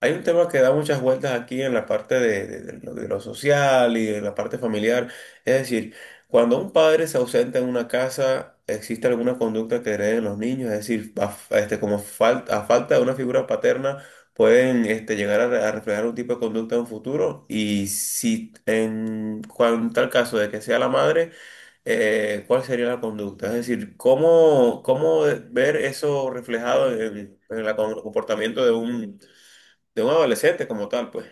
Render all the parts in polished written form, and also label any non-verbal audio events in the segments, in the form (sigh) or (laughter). Hay un tema que da muchas vueltas aquí en la parte de de lo social y en la parte familiar. Es decir, cuando un padre se ausenta en una casa, ¿existe alguna conducta que hereden los niños? Es decir, como falta, a falta de una figura paterna, pueden llegar a, a reflejar un tipo de conducta en un futuro. Y si tal caso de que sea la madre, ¿cuál sería la conducta? Es decir, ¿cómo, cómo ver eso reflejado en el comportamiento de un adolescente como tal, pues.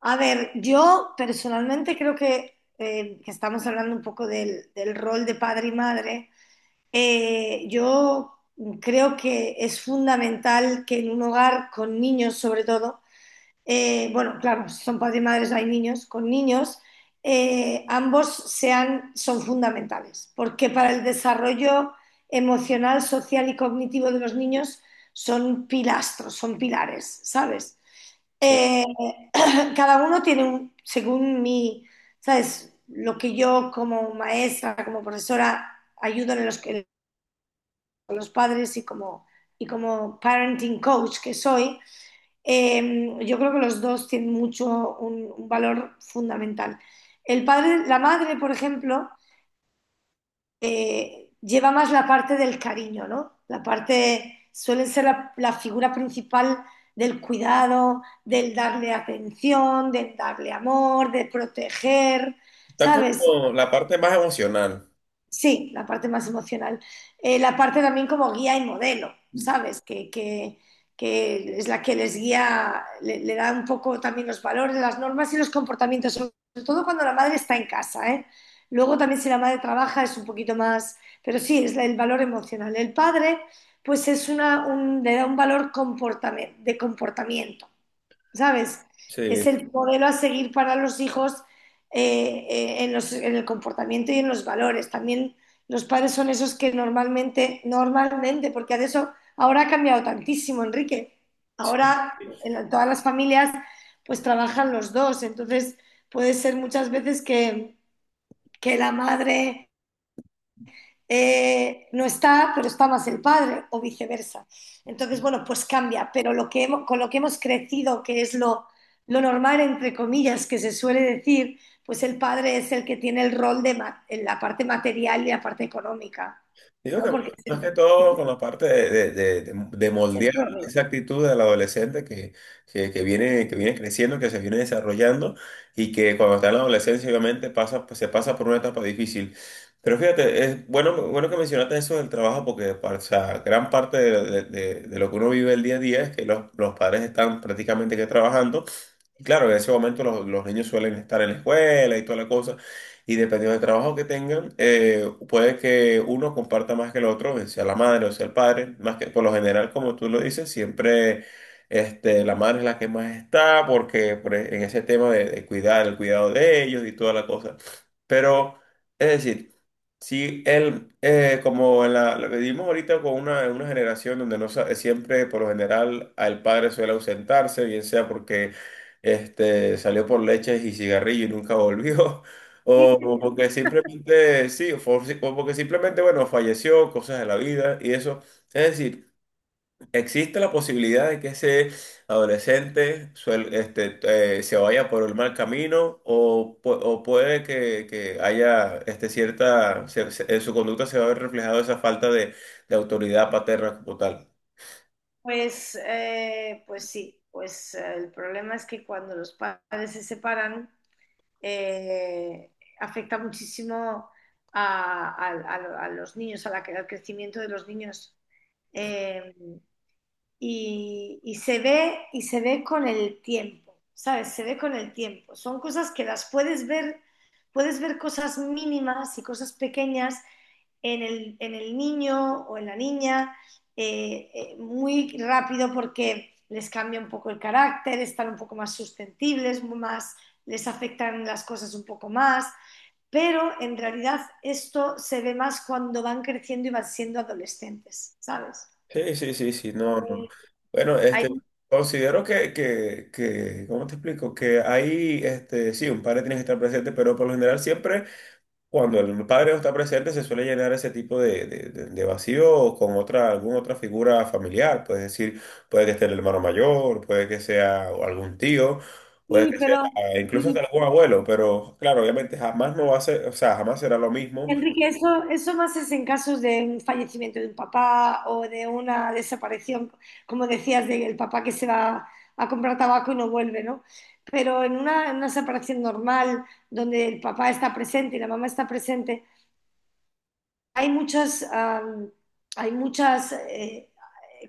A ver, yo personalmente creo que estamos hablando un poco del rol de padre y madre. Yo creo que es fundamental que en un hogar con niños, sobre todo, bueno, claro, si son padres y madres, hay niños con niños, ambos son fundamentales, porque para el desarrollo emocional, social y cognitivo de los niños son pilastros, son pilares, ¿sabes? Sí. Eh, (clears throat) cada uno tiene un, según mi, ¿sabes? Lo que yo como maestra, como profesora, ayudo en en los padres y como parenting coach que soy, yo creo que los dos tienen mucho un valor fundamental. El padre, la madre, por ejemplo, lleva más la parte del cariño, ¿no? La parte suele ser la figura principal del cuidado, del darle atención, del darle amor, de proteger, Está ¿sabes? como la parte más emocional. Sí, la parte más emocional. La parte también como guía y modelo, ¿sabes? Que es la que les guía, le da un poco también los valores, las normas y los comportamientos, sobre todo cuando la madre está en casa, ¿eh? Luego también si la madre trabaja es un poquito más, pero sí, el valor emocional. El padre, pues es una, le da un valor de comportamiento. ¿Sabes? Sí, Es el modelo a seguir para los hijos en en el comportamiento y en los valores. También los padres son esos que normalmente, porque de eso ahora ha cambiado tantísimo, Enrique. sí, Ahora en todas las familias pues trabajan los dos, entonces puede ser muchas veces que la madre no está, pero está más el padre o viceversa. Entonces, sí. bueno, pues cambia, pero con lo que hemos crecido, que es lo normal, entre comillas, que se suele decir, pues el padre es el que tiene el rol en la parte material y la parte económica, Digo ¿no? que bueno, Porque es más que todo con la parte de de es el moldear proveedor. esa actitud del adolescente que viene creciendo, que se viene desarrollando y que cuando está en la adolescencia obviamente pasa, pues, se pasa por una etapa difícil. Pero fíjate, es bueno, bueno que mencionaste eso del trabajo porque o sea, gran parte de de lo que uno vive el día a día es que los padres están prácticamente que trabajando. Claro, en ese momento los niños suelen estar en la escuela y toda la cosa, y dependiendo del trabajo que tengan, puede que uno comparta más que el otro, bien sea la madre o sea el padre, más que por lo general, como tú lo dices, siempre la madre es la que más está, porque en ese tema de cuidar, el cuidado de ellos y toda la cosa. Pero, es decir, Sí, él, como en la, lo que vivimos ahorita con una, en una generación donde no sa- siempre, por lo general, al padre suele ausentarse, bien sea porque salió por leches y cigarrillo y nunca volvió, (laughs) Sí, o sí. porque simplemente, sí, o porque simplemente, bueno, falleció, cosas de la vida y eso. Es decir, existe la posibilidad de que ese adolescente se vaya por el mal camino o, o puede que haya cierta, en su conducta se va a ver reflejado esa falta de autoridad paterna como tal. Pues, pues sí, pues el problema es que cuando los padres se separan, eh, afecta muchísimo a, a los niños, a al crecimiento de los niños. Eh, y se ve con el tiempo, ¿sabes? Se ve con el tiempo. Son cosas que las puedes ver cosas mínimas y cosas pequeñas en en el niño o en la niña, muy rápido porque les cambia un poco el carácter, están un poco más susceptibles, más, les afectan las cosas un poco más, pero en realidad esto se ve más cuando van creciendo y van siendo adolescentes, ¿sabes? Sí, sí, sí, sí, no, no. Eh, Bueno, ahí considero que, ¿cómo te explico? Que ahí, sí, un padre tiene que estar presente, pero por lo general siempre. Cuando el padre no está presente, se suele llenar ese tipo de de vacío con otra, alguna otra figura familiar. Puedes decir, puede que esté el hermano mayor, puede que sea algún tío, puede sí, que sea pero incluso hasta sí, algún abuelo, pero claro, obviamente jamás no va a ser, o sea, jamás será lo mismo. Enrique, eso más es en casos de un fallecimiento de un papá o de una desaparición, como decías, del papá que se va a comprar tabaco y no vuelve, ¿no? Pero en una separación normal, donde el papá está presente y la mamá está presente, hay muchas, hay muchas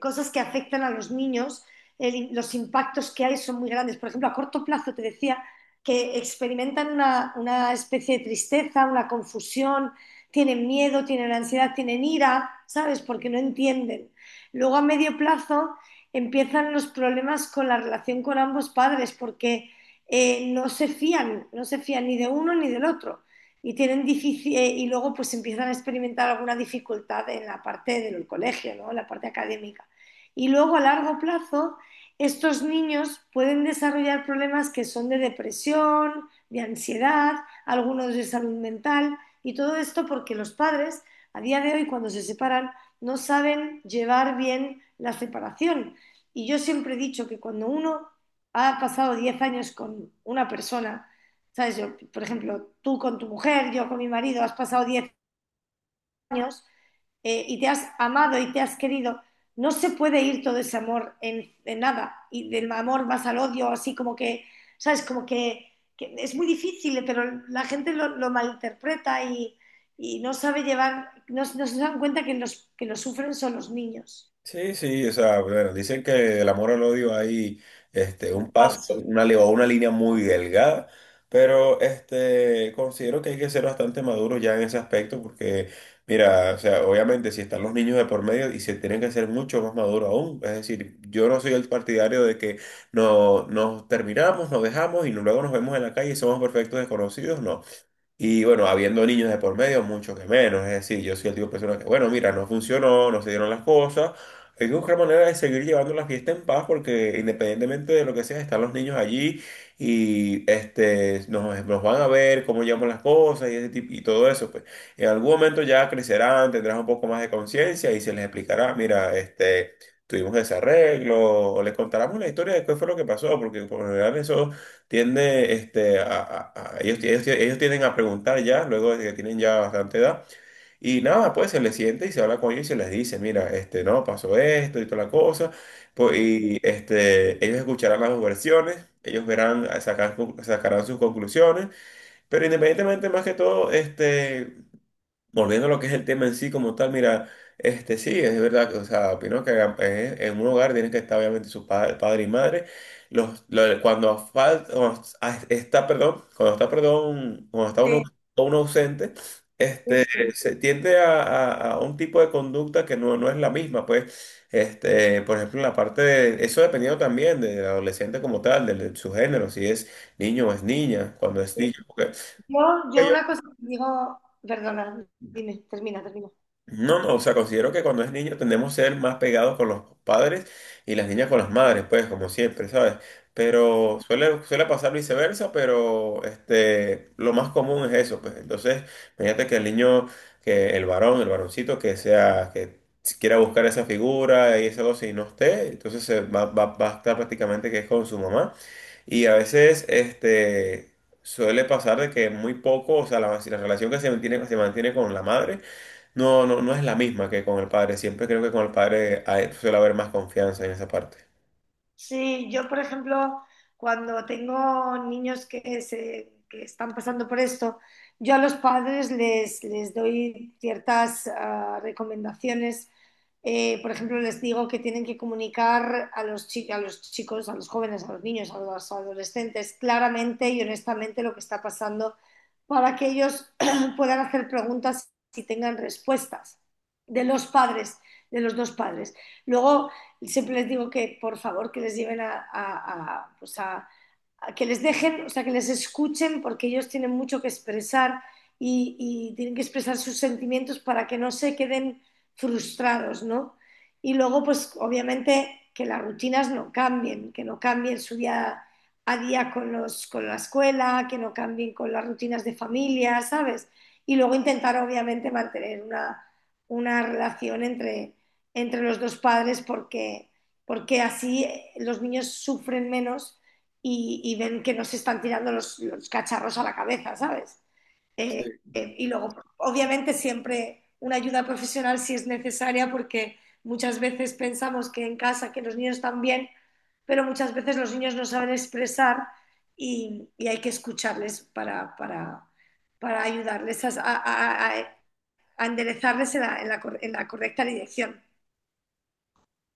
cosas que afectan a los niños, los impactos que hay son muy grandes. Por ejemplo, a corto plazo te decía que experimentan una especie de tristeza, una confusión, tienen miedo, tienen ansiedad, tienen ira, ¿sabes? Porque no entienden. Luego a medio plazo empiezan los problemas con la relación con ambos padres porque no se fían, no se fían ni de uno ni del otro y tienen difícil, y luego pues empiezan a experimentar alguna dificultad en la parte del colegio, ¿no? En la parte académica. Y luego a largo plazo, estos niños pueden desarrollar problemas que son de depresión, de ansiedad, algunos de salud mental, y todo esto porque los padres, a día de hoy, cuando se separan, no saben llevar bien la separación. Y yo siempre he dicho que cuando uno ha pasado 10 años con una persona, ¿sabes? Yo, por ejemplo, tú con tu mujer, yo con mi marido, has pasado 10 años, y te has amado y te has querido. No se puede ir todo ese amor en nada. Y del amor vas al odio, así como que, ¿sabes? Como que es muy difícil, pero la gente lo malinterpreta y no sabe llevar, no, no se dan cuenta que los que lo sufren son los niños. Sí, sí, o sea, bueno, dicen que del amor al odio hay un paso, Paso. una, o una línea muy delgada, pero considero que hay que ser bastante maduro ya en ese aspecto, porque, mira, o sea, obviamente si están los niños de por medio y se tienen que ser mucho más maduros aún, es decir, yo no soy el partidario de que no, nos terminamos, nos dejamos y luego nos vemos en la calle y somos perfectos desconocidos, no. Y bueno, habiendo niños de por medio, mucho que menos. Es decir, yo soy el tipo de persona que, bueno, mira, no funcionó, no se dieron las cosas. Hay que buscar manera de seguir llevando la fiesta en paz porque independientemente de lo que sea, están los niños allí y nos, nos van a ver cómo llevamos las cosas y, ese tipo- y todo eso. Pues. En algún momento ya crecerán, tendrán un poco más de conciencia y se les explicará, mira, tuvimos ese arreglo, o les contaremos la historia de qué fue lo que pasó, porque por lo general eso tiende a, ellos, ellos tienden a preguntar ya, luego de que tienen ya bastante edad, y nada, pues se les siente y se habla con ellos y se les dice, mira, no, pasó esto y toda la cosa, pues, y ellos escucharán las dos versiones, ellos verán, sacarán sus conclusiones, pero independientemente más que todo, este. Volviendo a lo que es el tema en sí como tal, mira, este sí, es verdad, o sea, opino que en un hogar tienen que estar obviamente su padre y madre. Cuando falta, está, perdón, cuando está, perdón, cuando está uno, Sí, uno ausente, sí, este, sí. se tiende a, a un tipo de conducta que no, no es la misma, pues, por ejemplo, en la parte de, eso dependiendo también del adolescente como tal, de, su género, si es niño o es niña, cuando es Eh, niño, porque yo, una cosa que digo, perdona, dime, termina, termina. no, no, o sea, considero que cuando es niño tendemos a ser más pegados con los padres y las niñas con las madres, pues, como siempre, ¿sabes? Pero suele, suele pasar viceversa, pero lo más común es eso, pues. Entonces, fíjate que el niño, que el varón, el varoncito, que sea, que si quiera buscar esa figura y esa cosa y no esté, entonces se va, va, va a estar prácticamente que es con su mamá. Y a veces, suele pasar de que muy poco, o sea, la, si la relación que se mantiene con la madre no, no, no es la misma que con el padre. Siempre creo que con el padre suele haber más confianza en esa parte. Sí, yo por ejemplo, cuando tengo niños que están pasando por esto, yo a los padres les doy ciertas ah, recomendaciones, por ejemplo, les digo que tienen que comunicar a a los chicos, a los jóvenes, a los niños, a los adolescentes claramente y honestamente lo que está pasando para que ellos (clears throat) puedan hacer preguntas y tengan respuestas de los padres, de los dos padres. Luego, siempre les digo que por favor que les lleven a, pues a que les dejen, o sea, que les escuchen porque ellos tienen mucho que expresar y, y tienen que expresar sus sentimientos para que no se queden frustrados, ¿no? Y luego, pues obviamente que las rutinas no cambien, que no cambien su día a día con, con la escuela, que no cambien con las rutinas de familia, ¿sabes? Y luego intentar obviamente mantener una relación entre, entre los dos padres porque, porque así, los niños sufren menos y ven que no se están tirando los cacharros a la cabeza, ¿sabes? Y luego, obviamente, siempre una ayuda profesional si es necesaria, porque muchas veces pensamos que en casa, que los niños están bien, pero muchas veces los niños no saben expresar y hay que escucharles para ayudarles a- a enderezarles en en la correcta dirección.